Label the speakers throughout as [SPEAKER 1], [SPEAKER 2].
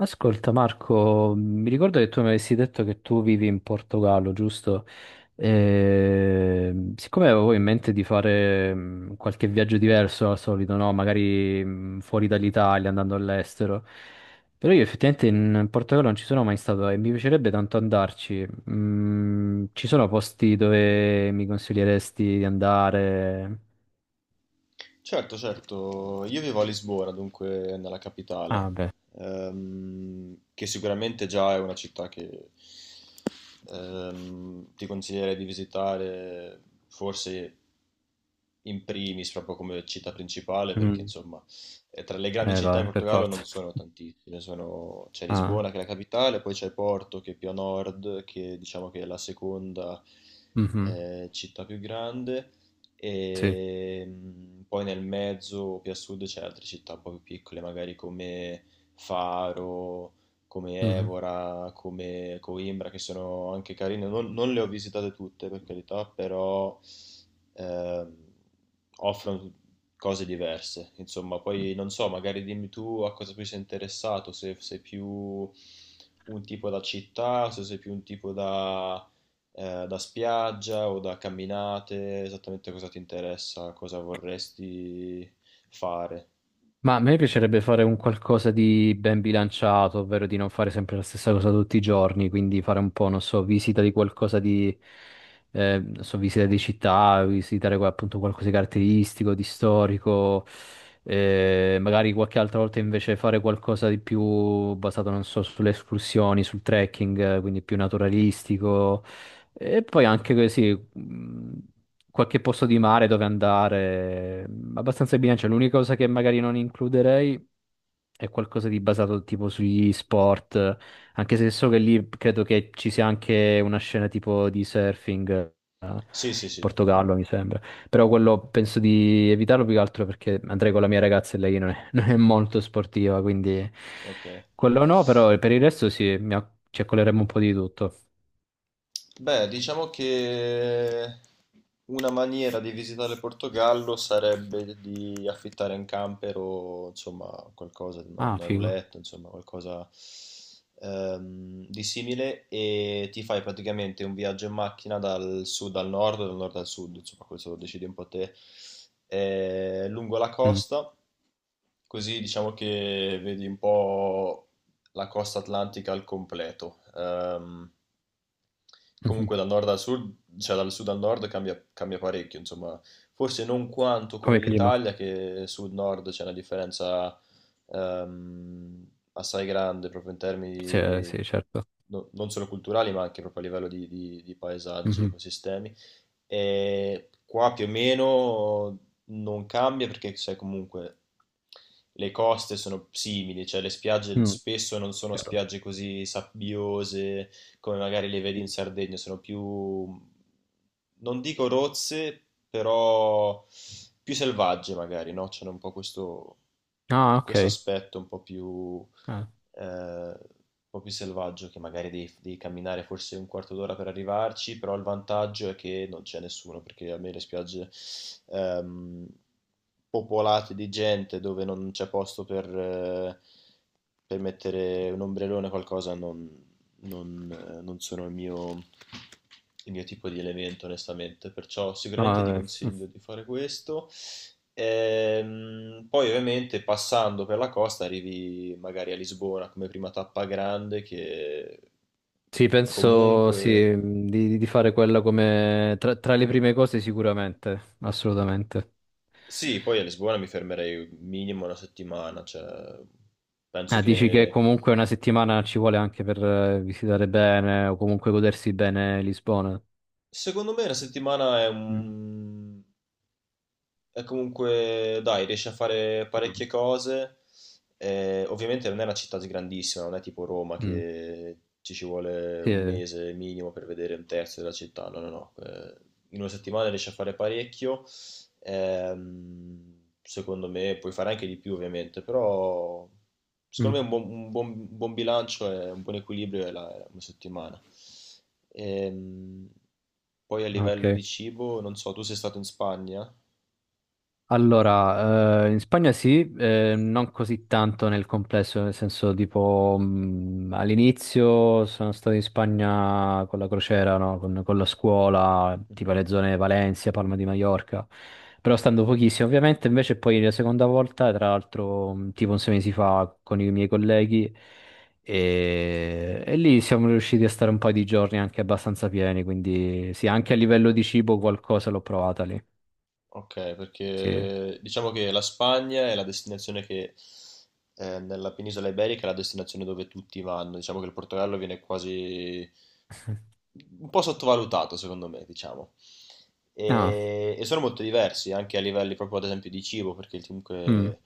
[SPEAKER 1] Ascolta Marco, mi ricordo che tu mi avessi detto che tu vivi in Portogallo, giusto? Siccome avevo in mente di fare qualche viaggio diverso al solito, no? Magari fuori dall'Italia, andando all'estero, però io effettivamente in Portogallo non ci sono mai stato e mi piacerebbe tanto andarci. Ci sono posti dove mi consiglieresti di andare?
[SPEAKER 2] Certo, certo, io vivo a Lisbona, dunque nella capitale,
[SPEAKER 1] Ah, beh,
[SPEAKER 2] che sicuramente già è una città che... ti consiglierei di visitare forse in primis proprio come città principale, perché
[SPEAKER 1] mm.
[SPEAKER 2] insomma tra le grandi città in
[SPEAKER 1] Va, per
[SPEAKER 2] Portogallo non
[SPEAKER 1] forza.
[SPEAKER 2] sono tantissime, c'è
[SPEAKER 1] Ah,
[SPEAKER 2] Lisbona, che è la capitale, poi c'è Porto, che è più a nord, che diciamo che è la seconda
[SPEAKER 1] mhm,
[SPEAKER 2] città più grande,
[SPEAKER 1] sì.
[SPEAKER 2] e poi nel mezzo più a sud c'è altre città un po' più piccole magari come Faro, come
[SPEAKER 1] Mhm.
[SPEAKER 2] Evora, come Coimbra, che sono anche carine. Non le ho visitate tutte, per carità, però ehm, offrono cose diverse. Insomma, poi non so, magari dimmi tu a cosa più sei interessato, se sei più un tipo da città, se sei più un tipo da, da spiaggia o da camminate, esattamente cosa ti interessa, cosa vorresti fare.
[SPEAKER 1] Ma a me piacerebbe fare un qualcosa di ben bilanciato, ovvero di non fare sempre la stessa cosa tutti i giorni, quindi fare un po', non so, visita di qualcosa di, non so, visita di città, visitare appunto qualcosa di caratteristico, di storico, magari qualche altra volta invece fare qualcosa di più basato, non so, sulle escursioni, sul trekking, quindi più naturalistico. E poi anche così mh, qualche posto di mare dove andare, abbastanza in bilancia. L'unica cosa che magari non includerei è qualcosa di basato tipo sugli sport, anche se so che lì credo che ci sia anche una scena tipo di surfing, in
[SPEAKER 2] Sì, sì, sì,
[SPEAKER 1] Portogallo mi sembra. Però quello penso di evitarlo più che altro perché andrei con la mia ragazza e lei non è, non è molto sportiva, quindi
[SPEAKER 2] ok.
[SPEAKER 1] quello no, però per il resto sì, ci accoleremo un po' di tutto.
[SPEAKER 2] Beh, diciamo che una maniera di visitare il Portogallo sarebbe di affittare un camper o insomma qualcosa, una,
[SPEAKER 1] Ah,
[SPEAKER 2] una
[SPEAKER 1] figo.
[SPEAKER 2] roulette, insomma qualcosa di simile, e ti fai praticamente un viaggio in macchina dal sud al nord, dal nord al sud, insomma questo lo decidi un po' te, lungo la
[SPEAKER 1] Mm.
[SPEAKER 2] costa, così diciamo che vedi un po' la costa atlantica al completo.
[SPEAKER 1] Mhm.
[SPEAKER 2] Comunque dal nord al sud, cioè dal sud al nord cambia, cambia parecchio, insomma, forse non quanto come
[SPEAKER 1] Come clima?
[SPEAKER 2] l'Italia, che sud-nord c'è una differenza ehm, assai grande proprio in termini
[SPEAKER 1] Sì, sì, certo.
[SPEAKER 2] non solo culturali, ma anche proprio a livello di, di paesaggi,
[SPEAKER 1] Mhm,
[SPEAKER 2] ecosistemi. E qua più o meno non cambia, perché sai comunque le coste sono simili, cioè le spiagge
[SPEAKER 1] mm,
[SPEAKER 2] spesso non sono
[SPEAKER 1] chiaro.
[SPEAKER 2] spiagge così sabbiose come magari le vedi in
[SPEAKER 1] Mm.
[SPEAKER 2] Sardegna, sono più, non dico rozze, però più selvagge magari, no? C'è un po' questo,
[SPEAKER 1] Ah, ok.
[SPEAKER 2] questo aspetto
[SPEAKER 1] Ah,
[SPEAKER 2] un po' più selvaggio, che magari devi, devi camminare forse un quarto d'ora per arrivarci, però il vantaggio è che non c'è nessuno, perché a me le spiagge ehm, popolate di gente dove non c'è posto per mettere un ombrellone o qualcosa non, non sono il mio tipo di elemento, onestamente, perciò
[SPEAKER 1] no,
[SPEAKER 2] sicuramente ti
[SPEAKER 1] vabbè. Mm.
[SPEAKER 2] consiglio di fare questo. Poi ovviamente passando per la costa arrivi magari a Lisbona come prima tappa grande, che
[SPEAKER 1] Sì, penso sì,
[SPEAKER 2] comunque
[SPEAKER 1] di fare quella come tra le prime cose sicuramente, assolutamente.
[SPEAKER 2] sì, poi a Lisbona mi fermerei minimo una settimana, cioè penso
[SPEAKER 1] Ah, dici che
[SPEAKER 2] che
[SPEAKER 1] comunque una settimana ci vuole anche per visitare bene o comunque godersi bene Lisbona.
[SPEAKER 2] secondo me una settimana è
[SPEAKER 1] Mm.
[SPEAKER 2] un... E comunque, dai, riesce a fare
[SPEAKER 1] Mm.
[SPEAKER 2] parecchie cose. Ovviamente non è una città grandissima, non è tipo Roma,
[SPEAKER 1] Mm,
[SPEAKER 2] che ci vuole
[SPEAKER 1] sì,
[SPEAKER 2] un
[SPEAKER 1] eh.
[SPEAKER 2] mese minimo per vedere un terzo della città. No, no, no. In una settimana riesce a fare parecchio. Secondo me puoi fare anche di più, ovviamente, però
[SPEAKER 1] Mm,
[SPEAKER 2] secondo me un buon, un buon bilancio e un buon equilibrio è, è una settimana. Ehm, Poi a
[SPEAKER 1] ah,
[SPEAKER 2] livello di
[SPEAKER 1] ok.
[SPEAKER 2] cibo, non so, tu sei stato in Spagna?
[SPEAKER 1] Allora, in Spagna sì, non così tanto nel complesso, nel senso tipo all'inizio sono stato in Spagna con la crociera, no? Con la scuola, tipo le zone Valencia, Palma di Mallorca, però stando pochissimo ovviamente, invece poi la seconda volta, tra l'altro tipo un 6 mesi fa con i miei colleghi e lì siamo riusciti a stare un paio di giorni anche abbastanza pieni, quindi sì, anche a livello di cibo qualcosa l'ho provata lì,
[SPEAKER 2] Ok,
[SPEAKER 1] sì.
[SPEAKER 2] perché diciamo che la Spagna è la destinazione che nella penisola iberica è la destinazione dove tutti vanno. Diciamo che il Portogallo viene quasi un po' sottovalutato, secondo me, diciamo.
[SPEAKER 1] Ah.
[SPEAKER 2] E sono molto diversi anche a livelli proprio ad esempio di cibo, perché
[SPEAKER 1] Mm.
[SPEAKER 2] comunque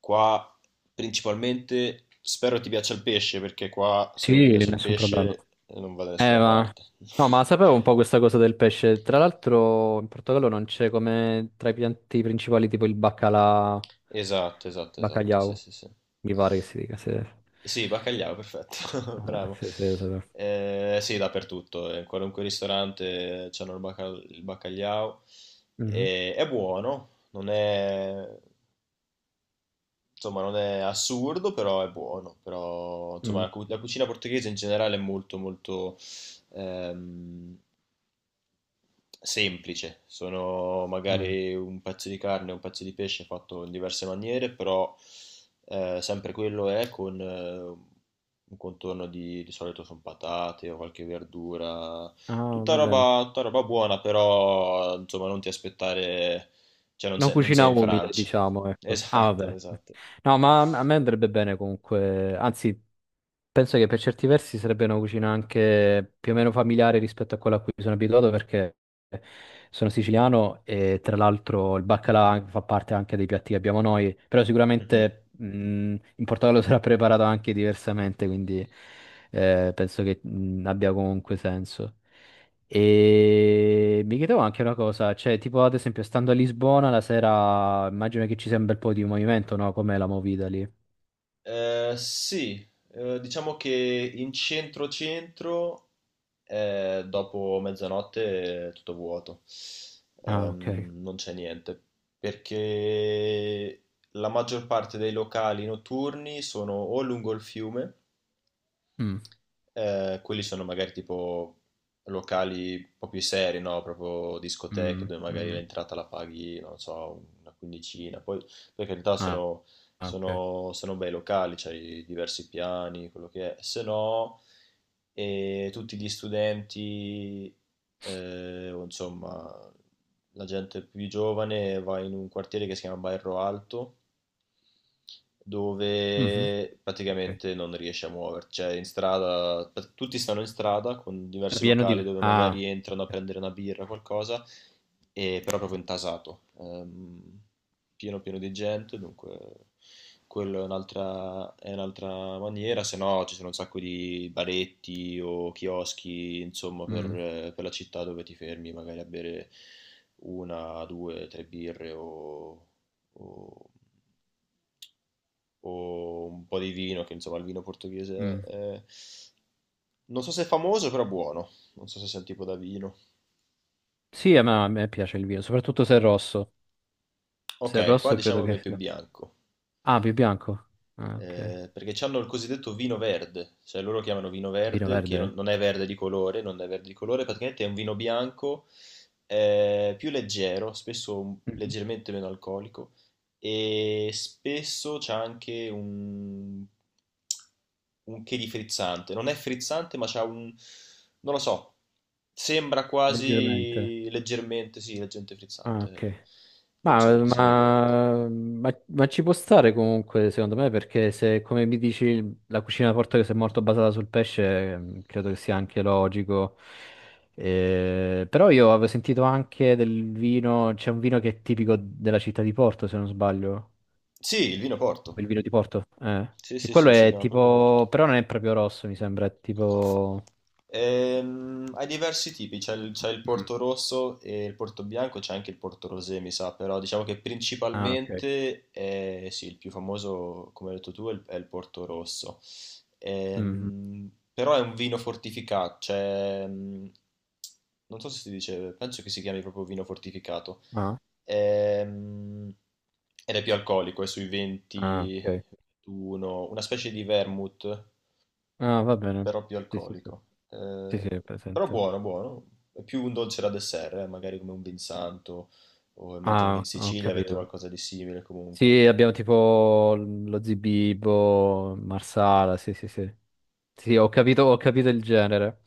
[SPEAKER 2] qua principalmente spero ti piaccia il pesce, perché qua se non ti
[SPEAKER 1] Sì,
[SPEAKER 2] piace il
[SPEAKER 1] nessun problema.
[SPEAKER 2] pesce, non va da
[SPEAKER 1] Eh,
[SPEAKER 2] nessuna
[SPEAKER 1] ma...
[SPEAKER 2] parte.
[SPEAKER 1] No, ma sapevo un po' questa cosa del pesce. Tra l'altro, in Portogallo non c'è come tra i pianti principali tipo il baccalà,
[SPEAKER 2] Esatto, esatto, esatto, sì,
[SPEAKER 1] bacalhau,
[SPEAKER 2] sì, sì.
[SPEAKER 1] mi pare che si dica. Se...
[SPEAKER 2] Sì, bacalliao, perfetto,
[SPEAKER 1] Ah,
[SPEAKER 2] bravo.
[SPEAKER 1] se, se, se-
[SPEAKER 2] Sì, dappertutto, in qualunque ristorante c'hanno il, il bacalliao.
[SPEAKER 1] Mhm.
[SPEAKER 2] È buono, non è, insomma, non è assurdo, però è buono. Però, insomma,
[SPEAKER 1] Mm,
[SPEAKER 2] la, la cucina portoghese in generale è molto, molto ehm, semplice, sono
[SPEAKER 1] mm.
[SPEAKER 2] magari un pezzo di carne, un pezzo di pesce fatto in diverse maniere, però sempre quello è con un contorno di solito sono patate o qualche verdura,
[SPEAKER 1] Ah, va bene.
[SPEAKER 2] tutta roba buona, però insomma non ti aspettare, cioè non
[SPEAKER 1] Una
[SPEAKER 2] sei, non sei
[SPEAKER 1] cucina
[SPEAKER 2] in
[SPEAKER 1] umile,
[SPEAKER 2] Francia.
[SPEAKER 1] diciamo, ecco. Ah,
[SPEAKER 2] Esatto,
[SPEAKER 1] vabbè.
[SPEAKER 2] esatto.
[SPEAKER 1] No, ma a me andrebbe bene comunque. Anzi, penso che per certi versi sarebbe una cucina anche più o meno familiare rispetto a quella a cui sono abituato perché sono siciliano e tra l'altro il baccalà fa parte anche dei piatti che abbiamo noi, però
[SPEAKER 2] Mhm.
[SPEAKER 1] sicuramente in Portogallo sarà preparato anche diversamente, quindi penso che abbia comunque senso. E mi chiedevo anche una cosa, cioè tipo ad esempio stando a Lisbona la sera immagino che ci sia un bel po' di movimento, no? Com'è la movida lì?
[SPEAKER 2] Sì, diciamo che in centro-centro, dopo mezzanotte è tutto vuoto.
[SPEAKER 1] Ah, ok.
[SPEAKER 2] Non c'è niente, perché la maggior parte dei locali notturni sono o lungo il fiume,
[SPEAKER 1] Mm.
[SPEAKER 2] quelli sono magari tipo locali un po' più seri, no? Proprio discoteche
[SPEAKER 1] Mm,
[SPEAKER 2] dove magari
[SPEAKER 1] mm.
[SPEAKER 2] l'entrata la paghi, non so, una quindicina. Poi, per carità,
[SPEAKER 1] Ah, ah, ok.
[SPEAKER 2] sono bei locali, c'hai diversi piani, quello che è. Se no, tutti gli studenti, o insomma, la gente più giovane va in un quartiere che si chiama Bairro Alto,
[SPEAKER 1] Mhm,
[SPEAKER 2] dove
[SPEAKER 1] ok.
[SPEAKER 2] praticamente non riesci a muoverti, cioè in strada, tutti stanno in strada con diversi locali dove
[SPEAKER 1] Ah,
[SPEAKER 2] magari entrano a
[SPEAKER 1] ok.
[SPEAKER 2] prendere una birra o qualcosa, e però proprio intasato, pieno pieno di gente, dunque quello è è un'altra maniera. Se no ci sono un sacco di baretti o chioschi, insomma,
[SPEAKER 1] Mm,
[SPEAKER 2] per la città, dove ti fermi magari a bere una, due, tre birre o o un po' di vino, che insomma il vino portoghese
[SPEAKER 1] mm.
[SPEAKER 2] è... non so se è famoso, però buono. Non so se sia un tipo da vino.
[SPEAKER 1] Sì, a me, piace il vino, soprattutto se è rosso. Se è
[SPEAKER 2] Ok, qua
[SPEAKER 1] rosso credo
[SPEAKER 2] diciamo che è
[SPEAKER 1] che
[SPEAKER 2] più
[SPEAKER 1] no.
[SPEAKER 2] bianco.
[SPEAKER 1] Ah, più bianco. Ah, ok.
[SPEAKER 2] Perché hanno il cosiddetto vino verde, cioè loro chiamano vino
[SPEAKER 1] Vino
[SPEAKER 2] verde, che non,
[SPEAKER 1] verde?
[SPEAKER 2] non è verde di colore, non è verde di colore, praticamente è un vino bianco, più leggero, spesso
[SPEAKER 1] Mhm.
[SPEAKER 2] leggermente meno alcolico, e spesso c'è anche un che di frizzante, non è frizzante ma c'ha un, non lo so, sembra
[SPEAKER 1] Leggermente.
[SPEAKER 2] quasi leggermente, sì, leggermente
[SPEAKER 1] Ah,
[SPEAKER 2] frizzante,
[SPEAKER 1] ok.
[SPEAKER 2] non so
[SPEAKER 1] Ma,
[SPEAKER 2] perché si chiami verde.
[SPEAKER 1] ma- ma- ma ci può stare comunque, secondo me, perché se, come mi dici, la cucina portoghese è molto basata sul pesce, credo che sia anche logico. Però io avevo sentito anche del vino, c'è un vino che è tipico della città di Porto, se non sbaglio,
[SPEAKER 2] Sì, il vino Porto.
[SPEAKER 1] il vino di Porto.
[SPEAKER 2] Sì,
[SPEAKER 1] E
[SPEAKER 2] sì,
[SPEAKER 1] quello
[SPEAKER 2] sì, si
[SPEAKER 1] è
[SPEAKER 2] chiama proprio Porto.
[SPEAKER 1] tipo, però non è proprio rosso, mi sembra, è tipo.
[SPEAKER 2] Hai diversi tipi, c'è il
[SPEAKER 1] Mm.
[SPEAKER 2] Porto Rosso e il Porto Bianco, c'è anche il Porto Rosé, mi sa, però diciamo che
[SPEAKER 1] Ah, ok.
[SPEAKER 2] principalmente è, sì, il più famoso, come hai detto tu, è il Porto Rosso.
[SPEAKER 1] Mhm.
[SPEAKER 2] Però è un vino fortificato, cioè, non so se si dice, penso che si chiami proprio vino fortificato.
[SPEAKER 1] Ah,
[SPEAKER 2] Ehm, Ed è più alcolico, è sui
[SPEAKER 1] ah,
[SPEAKER 2] 20,
[SPEAKER 1] ok.
[SPEAKER 2] 21, una specie di vermouth
[SPEAKER 1] Ah, va bene.
[SPEAKER 2] però più
[SPEAKER 1] Sì, sì, sì.
[SPEAKER 2] alcolico.
[SPEAKER 1] Sì, sì,
[SPEAKER 2] Eh,
[SPEAKER 1] è
[SPEAKER 2] però
[SPEAKER 1] presente.
[SPEAKER 2] buono, buono. È più un dolce da dessert, magari come un vinsanto, o immagino che in
[SPEAKER 1] Ah, ho
[SPEAKER 2] Sicilia avete
[SPEAKER 1] capito.
[SPEAKER 2] qualcosa di simile comunque.
[SPEAKER 1] Sì, abbiamo tipo lo Zibibbo, Marsala, sì, sì, sì. Sì, ho capito il genere.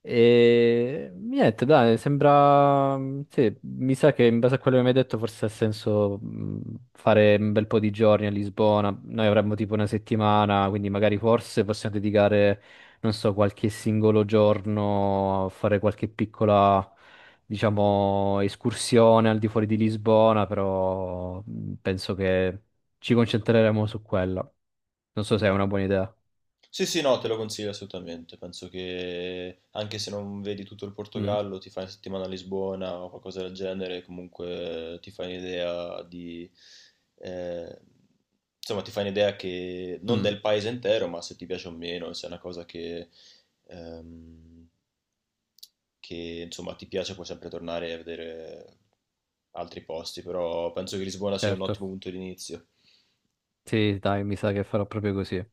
[SPEAKER 1] E niente, dai, sembra. Sì, mi sa che in base a quello che mi hai detto forse ha senso fare un bel po' di giorni a Lisbona. Noi avremmo tipo una settimana, quindi magari forse possiamo dedicare, non so, qualche singolo giorno a fare qualche piccola, diciamo, escursione al di fuori di Lisbona, però penso che ci concentreremo su quella. Non so se è una buona idea.
[SPEAKER 2] Sì, sì, no, te lo consiglio assolutamente. Penso che anche se non vedi tutto il
[SPEAKER 1] Mm.
[SPEAKER 2] Portogallo, ti fai una settimana a Lisbona o qualcosa del genere, comunque ti fai un'idea di... eh, insomma, ti fai un'idea che non
[SPEAKER 1] Mm,
[SPEAKER 2] del paese intero, ma se ti piace o meno, se è una cosa ehm, che insomma ti piace, puoi sempre tornare a vedere altri posti, però penso che Lisbona sia un
[SPEAKER 1] certo.
[SPEAKER 2] ottimo punto di inizio.
[SPEAKER 1] Sì, dai, mi sa che farò proprio così.